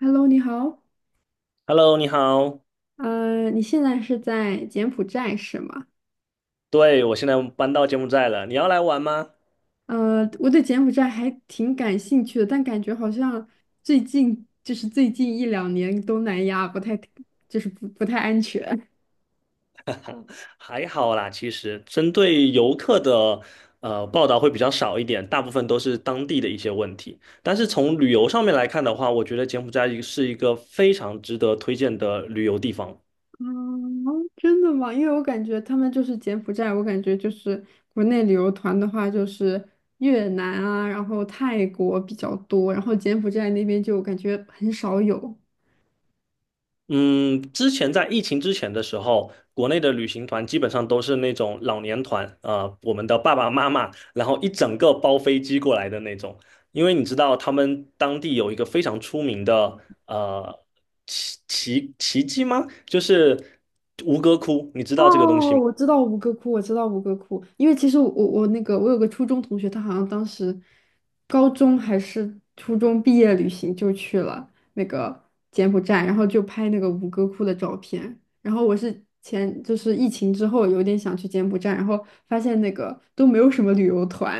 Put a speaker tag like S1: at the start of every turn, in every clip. S1: Hello，你好。
S2: Hello，你好。
S1: 你现在是在柬埔寨是吗？
S2: 对，我现在搬到柬埔寨了，你要来玩吗？
S1: 我对柬埔寨还挺感兴趣的，但感觉好像最近就是最近一两年东南亚不太，就是不太安全。
S2: 还好啦，其实针对游客的报道会比较少一点，大部分都是当地的一些问题。但是从旅游上面来看的话，我觉得柬埔寨是一个非常值得推荐的旅游地方。
S1: 真的吗？因为我感觉他们就是柬埔寨，我感觉就是国内旅游团的话就是越南啊，然后泰国比较多，然后柬埔寨那边就感觉很少有。
S2: 嗯，之前在疫情之前的时候，国内的旅行团基本上都是那种老年团啊、我们的爸爸妈妈，然后一整个包飞机过来的那种。因为你知道，他们当地有一个非常出名的呃奇迹吗？就是吴哥窟，你知道这个东西
S1: 哦，
S2: 吗？
S1: 我知道吴哥窟，我知道吴哥窟。因为其实我那个我有个初中同学，他好像当时高中还是初中毕业旅行就去了那个柬埔寨，然后就拍那个吴哥窟的照片。然后我是前就是疫情之后有点想去柬埔寨，然后发现那个都没有什么旅游团。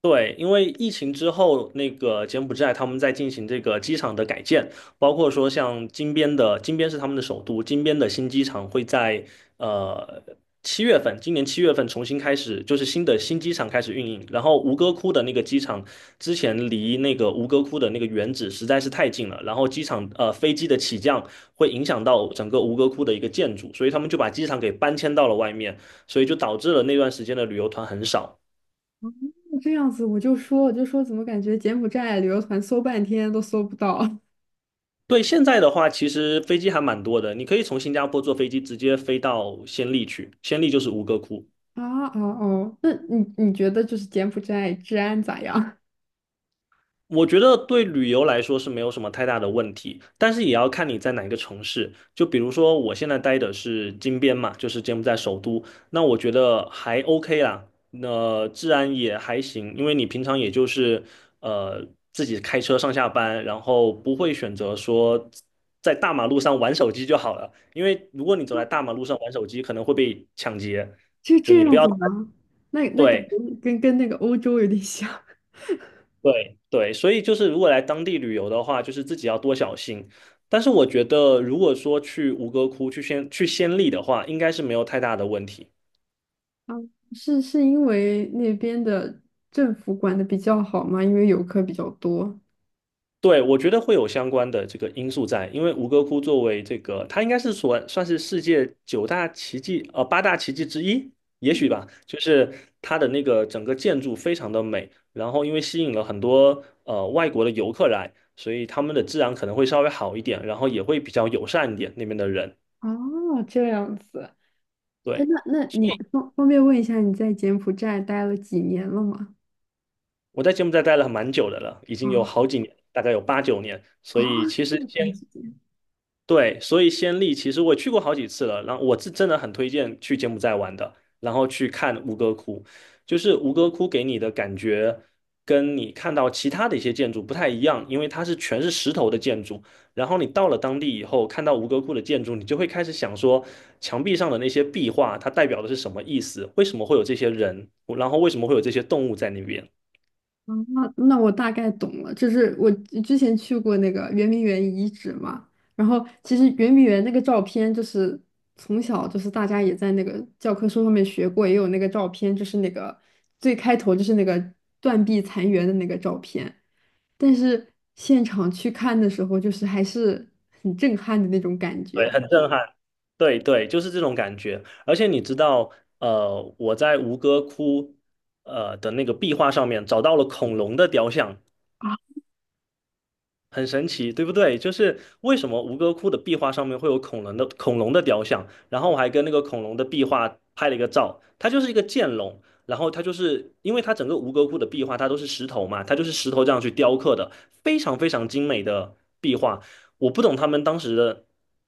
S2: 对，因为疫情之后，那个柬埔寨他们在进行这个机场的改建，包括说像金边的，金边是他们的首都，金边的新机场会在呃七月份，今年七月份重新开始，就是新机场开始运营。然后吴哥窟的那个机场之前离那个吴哥窟的那个原址实在是太近了，然后机场飞机的起降会影响到整个吴哥窟的一个建筑，所以他们就把机场给搬迁到了外面，所以就导致了那段时间的旅游团很少。
S1: 这样子我就说怎么感觉柬埔寨旅游团搜半天都搜不到。
S2: 对，现在的话，其实飞机还蛮多的，你可以从新加坡坐飞机直接飞到暹粒去，暹粒就是吴哥窟，
S1: 啊啊哦，那你觉得就是柬埔寨治安咋样？
S2: 我觉得对旅游来说是没有什么太大的问题，但是也要看你在哪一个城市。就比如说我现在待的是金边嘛，就是柬埔寨首都，那我觉得还 OK 啦，那、治安也还行，因为你平常也就是呃自己开车上下班，然后不会选择说在大马路上玩手机就好了，因为如果你走在大马路上玩手机，可能会被抢劫，
S1: 就
S2: 就
S1: 这
S2: 你不
S1: 样
S2: 要，
S1: 子吗？那感觉
S2: 对，
S1: 跟那个欧洲有点像。
S2: 对对，所以就是如果来当地旅游的话，就是自己要多小心。但是我觉得，如果说去吴哥窟、去先去仙历的话，应该是没有太大的问题。
S1: 啊，是因为那边的政府管的比较好吗？因为游客比较多。
S2: 对，我觉得会有相关的这个因素在，因为吴哥窟作为这个，它应该是算是世界九大奇迹，八大奇迹之一，也许吧。就是它的那个整个建筑非常的美，然后因为吸引了很多外国的游客来，所以他们的治安可能会稍微好一点，然后也会比较友善一点那边的人。
S1: 哦，这样子。哎，
S2: 对。
S1: 那你方便问一下，你在柬埔寨待了几年了吗？
S2: 我在柬埔寨待了蛮久的了，已经有
S1: 啊。
S2: 好几年，大概有8、9年。所
S1: 啊，
S2: 以其
S1: 这
S2: 实
S1: 么长
S2: 先
S1: 时间。
S2: 对，所以先例其实我也去过好几次了。然后我是真的很推荐去柬埔寨玩的，然后去看吴哥窟，就是吴哥窟给你的感觉跟你看到其他的一些建筑不太一样，因为它是全是石头的建筑。然后你到了当地以后，看到吴哥窟的建筑，你就会开始想说，墙壁上的那些壁画，它代表的是什么意思？为什么会有这些人？然后为什么会有这些动物在那边？
S1: 啊，那我大概懂了，就是我之前去过那个圆明园遗址嘛，然后其实圆明园那个照片，就是从小就是大家也在那个教科书上面学过，也有那个照片，就是那个最开头就是那个断壁残垣的那个照片，但是现场去看的时候，就是还是很震撼的那种感觉
S2: 对，很震撼。对对，就是这种感觉。而且你知道，我在吴哥窟的那个壁画上面找到了恐龙的雕像，
S1: 啊。
S2: 很神奇，对不对？就是为什么吴哥窟的壁画上面会有恐龙的雕像，然后我还跟那个恐龙的壁画拍了一个照，它就是一个剑龙，然后它就是因为它整个吴哥窟的壁画它都是石头嘛，它就是石头这样去雕刻的，非常非常精美的壁画。我不懂他们当时的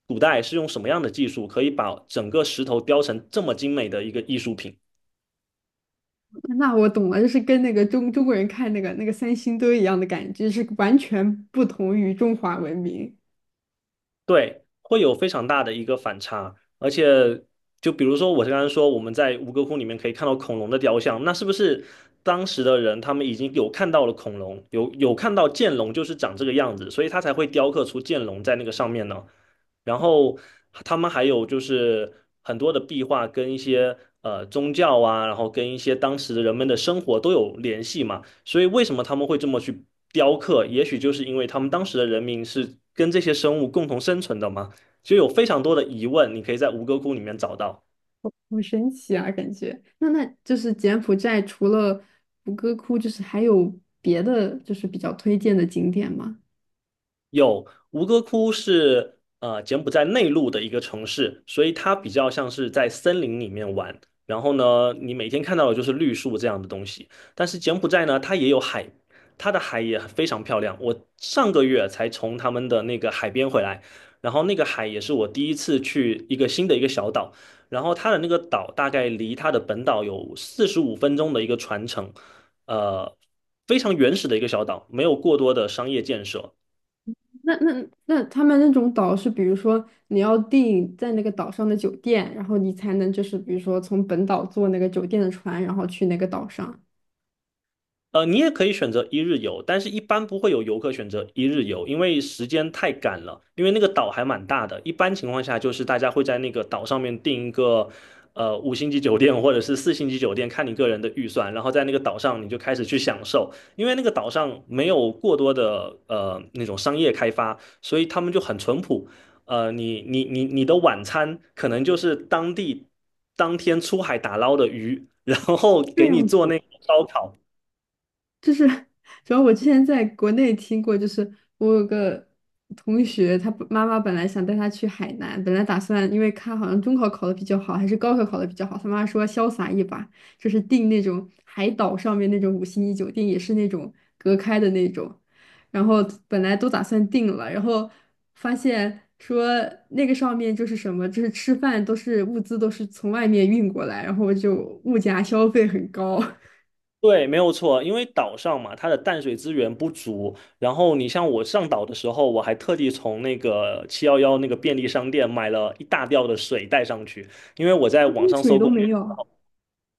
S2: 古代是用什么样的技术，可以把整个石头雕成这么精美的一个艺术品。
S1: 那我懂了，就是跟那个中国人看那个三星堆一样的感觉，是完全不同于中华文明。
S2: 对，会有非常大的一个反差，而且就比如说我刚刚说我们在吴哥窟里面可以看到恐龙的雕像，那是不是当时的人他们已经有看到了恐龙，有看到剑龙就是长这个样子，所以他才会雕刻出剑龙在那个上面呢？然后他们还有就是很多的壁画跟一些宗教啊，然后跟一些当时的人们的生活都有联系嘛。所以为什么他们会这么去雕刻？也许就是因为他们当时的人民是跟这些生物共同生存的嘛，就有非常多的疑问，你可以在吴哥窟里面找到。
S1: 好神奇啊，感觉。那那就是柬埔寨除了吴哥窟，就是还有别的就是比较推荐的景点吗？
S2: 有吴哥窟是柬埔寨内陆的一个城市，所以它比较像是在森林里面玩。然后呢，你每天看到的就是绿树这样的东西。但是柬埔寨呢，它也有海，它的海也非常漂亮。我上个月才从他们的那个海边回来，然后那个海也是我第一次去一个新的一个小岛。然后它的那个岛大概离它的本岛有四十五分钟的一个船程，呃，非常原始的一个小岛，没有过多的商业建设。
S1: 那他们那种岛是，比如说你要订在那个岛上的酒店，然后你才能就是比如说从本岛坐那个酒店的船，然后去那个岛上。
S2: 你也可以选择一日游，但是一般不会有游客选择一日游，因为时间太赶了。因为那个岛还蛮大的，一般情况下就是大家会在那个岛上面订一个5星级酒店或者是4星级酒店，看你个人的预算，然后在那个岛上你就开始去享受。因为那个岛上没有过多的那种商业开发，所以他们就很淳朴。你的晚餐可能就是当地当天出海打捞的鱼，然后
S1: 这
S2: 给你
S1: 样
S2: 做
S1: 子。
S2: 那个烧烤。
S1: 就是主要我之前在国内听过，就是我有个同学，他不妈妈本来想带他去海南，本来打算因为他好像中考考的比较好，还是高考考的比较好，他妈说潇洒一把，就是订那种海岛上面那种五星级酒店，也是那种隔开的那种，然后本来都打算订了，然后发现说那个上面就是什么，就是吃饭都是物资都是从外面运过来，然后就物价消费很高。
S2: 对，没有错，因为岛上嘛，它的淡水资源不足。然后你像我上岛的时候，我还特地从那个7-Eleven那个便利商店买了一大吊的水带上去，因为我在网 上
S1: 水
S2: 搜
S1: 都
S2: 攻略。
S1: 没有。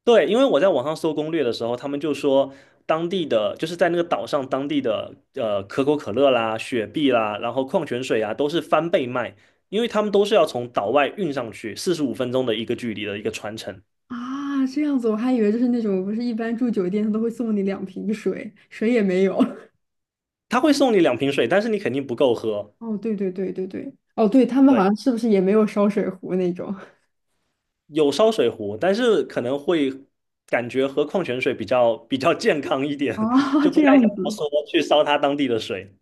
S2: 对，因为我在网上搜攻略的时候，他们就说当地的就是在那个岛上当地的可口可乐啦、雪碧啦，然后矿泉水啊都是翻倍卖，因为他们都是要从岛外运上去，四十五分钟的一个距离的一个传承。
S1: 啊，这样子我还以为就是那种，不是一般住酒店他都会送你两瓶水，水也没有。
S2: 他会送你两瓶水，但是你肯定不够喝。
S1: 哦，对对对对对，哦，对，他们好
S2: 对。
S1: 像是不是也没有烧水壶那种？
S2: 有烧水壶，但是可能会感觉喝矿泉水比较健康一 点，
S1: 啊，
S2: 就不
S1: 这
S2: 太
S1: 样
S2: 想要
S1: 子，
S2: 说去烧它当地的水。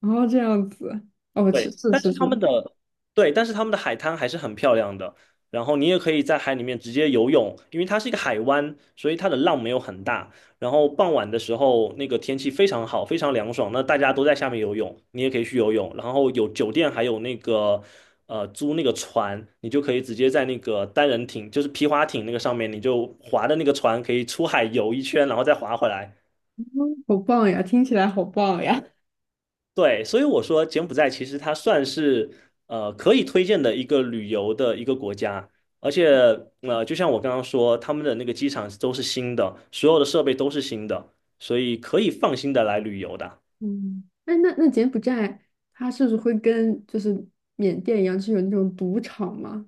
S1: 哦，这样子，哦，是
S2: 对，
S1: 是
S2: 但
S1: 是
S2: 是他们
S1: 是。
S2: 的对，但是他们的海滩还是很漂亮的。然后你也可以在海里面直接游泳，因为它是一个海湾，所以它的浪没有很大。然后傍晚的时候，那个天气非常好，非常凉爽，那大家都在下面游泳，你也可以去游泳。然后有酒店，还有那个租那个船，你就可以直接在那个单人艇，就是皮划艇那个上面，你就划的那个船可以出海游一圈，然后再划回来，
S1: 好棒呀，听起来好棒呀。
S2: 对，所以我说柬埔寨其实它算是可以推荐的一个旅游的一个国家，而且就像我刚刚说，他们的那个机场都是新的，所有的设备都是新的，所以可以放心的来旅游的，
S1: 嗯，哎，那那柬埔寨它是不是会跟就是缅甸一样，是有那种赌场吗？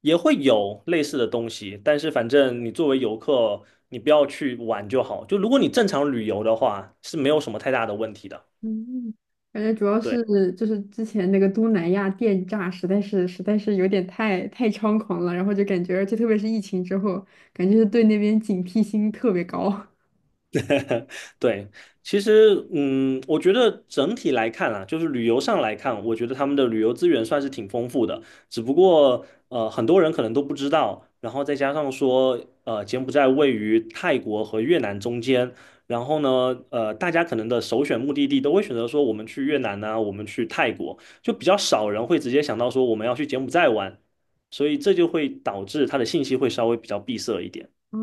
S2: 也会有类似的东西，但是反正你作为游客，你不要去玩就好。就如果你正常旅游的话，是没有什么太大的问题的。
S1: 嗯，感觉主要
S2: 对。
S1: 是就是之前那个东南亚电诈实在是有点太猖狂了，然后就感觉，而且特别是疫情之后，感觉是对那边警惕心特别高。
S2: 对，其实，我觉得整体来看啊，就是旅游上来看，我觉得他们的旅游资源算是挺丰富的。只不过，很多人可能都不知道，然后再加上说，柬埔寨位于泰国和越南中间，然后呢，大家可能的首选目的地都会选择说我们去越南呢、我们去泰国，就比较少人会直接想到说我们要去柬埔寨玩，所以这就会导致它的信息会稍微比较闭塞一点。
S1: 哦，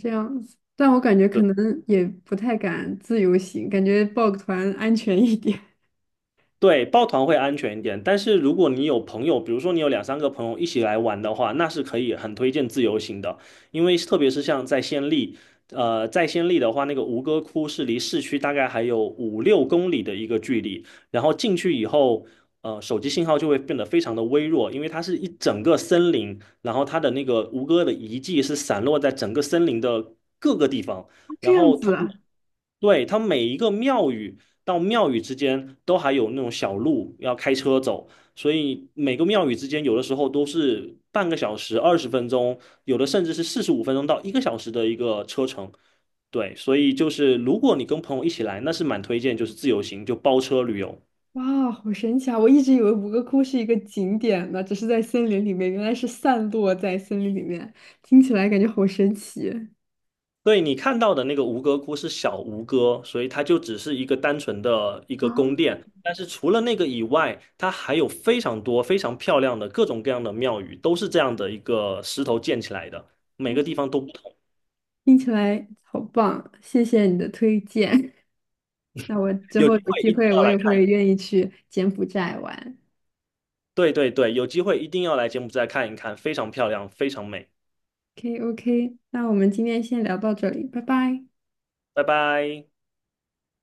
S1: 这样子，但我感觉可
S2: 对。
S1: 能也不太敢自由行，感觉报个团安全一点。
S2: 对，抱团会安全一点，但是如果你有朋友，比如说你有两三个朋友一起来玩的话，那是可以很推荐自由行的，因为特别是像在暹粒，在暹粒的话，那个吴哥窟是离市区大概还有5、6公里的一个距离，然后进去以后，手机信号就会变得非常的微弱，因为它是一整个森林，然后它的那个吴哥的遗迹是散落在整个森林的各个地方，
S1: 这
S2: 然
S1: 样
S2: 后他
S1: 子
S2: 们。
S1: 啊。
S2: 对，它每一个庙宇，到庙宇之间都还有那种小路要开车走，所以每个庙宇之间有的时候都是半个小时、20分钟，有的甚至是四十五分钟到一个小时的一个车程。对，所以就是如果你跟朋友一起来，那是蛮推荐，就是自由行，就包车旅游。
S1: 哇，好神奇啊！我一直以为五个窟是一个景点呢，只是在森林里面，原来是散落在森林里面，听起来感觉好神奇。
S2: 对你看到的那个吴哥窟是小吴哥，所以它就只是一个单纯的一个宫
S1: 啊。
S2: 殿。但是除了那个以外，它还有非常多非常漂亮的各种各样的庙宇，都是这样的一个石头建起来的，每个地方都不同。
S1: 听起来好棒，谢谢你的推荐。那我之
S2: 有
S1: 后
S2: 机
S1: 有
S2: 会
S1: 机
S2: 一定
S1: 会
S2: 要
S1: 我
S2: 来
S1: 也
S2: 看，
S1: 会愿意去柬埔寨玩。
S2: 对对对，有机会一定要来柬埔寨看一看，非常漂亮，非常美。
S1: OK OK,那我们今天先聊到这里，拜拜。
S2: 拜拜。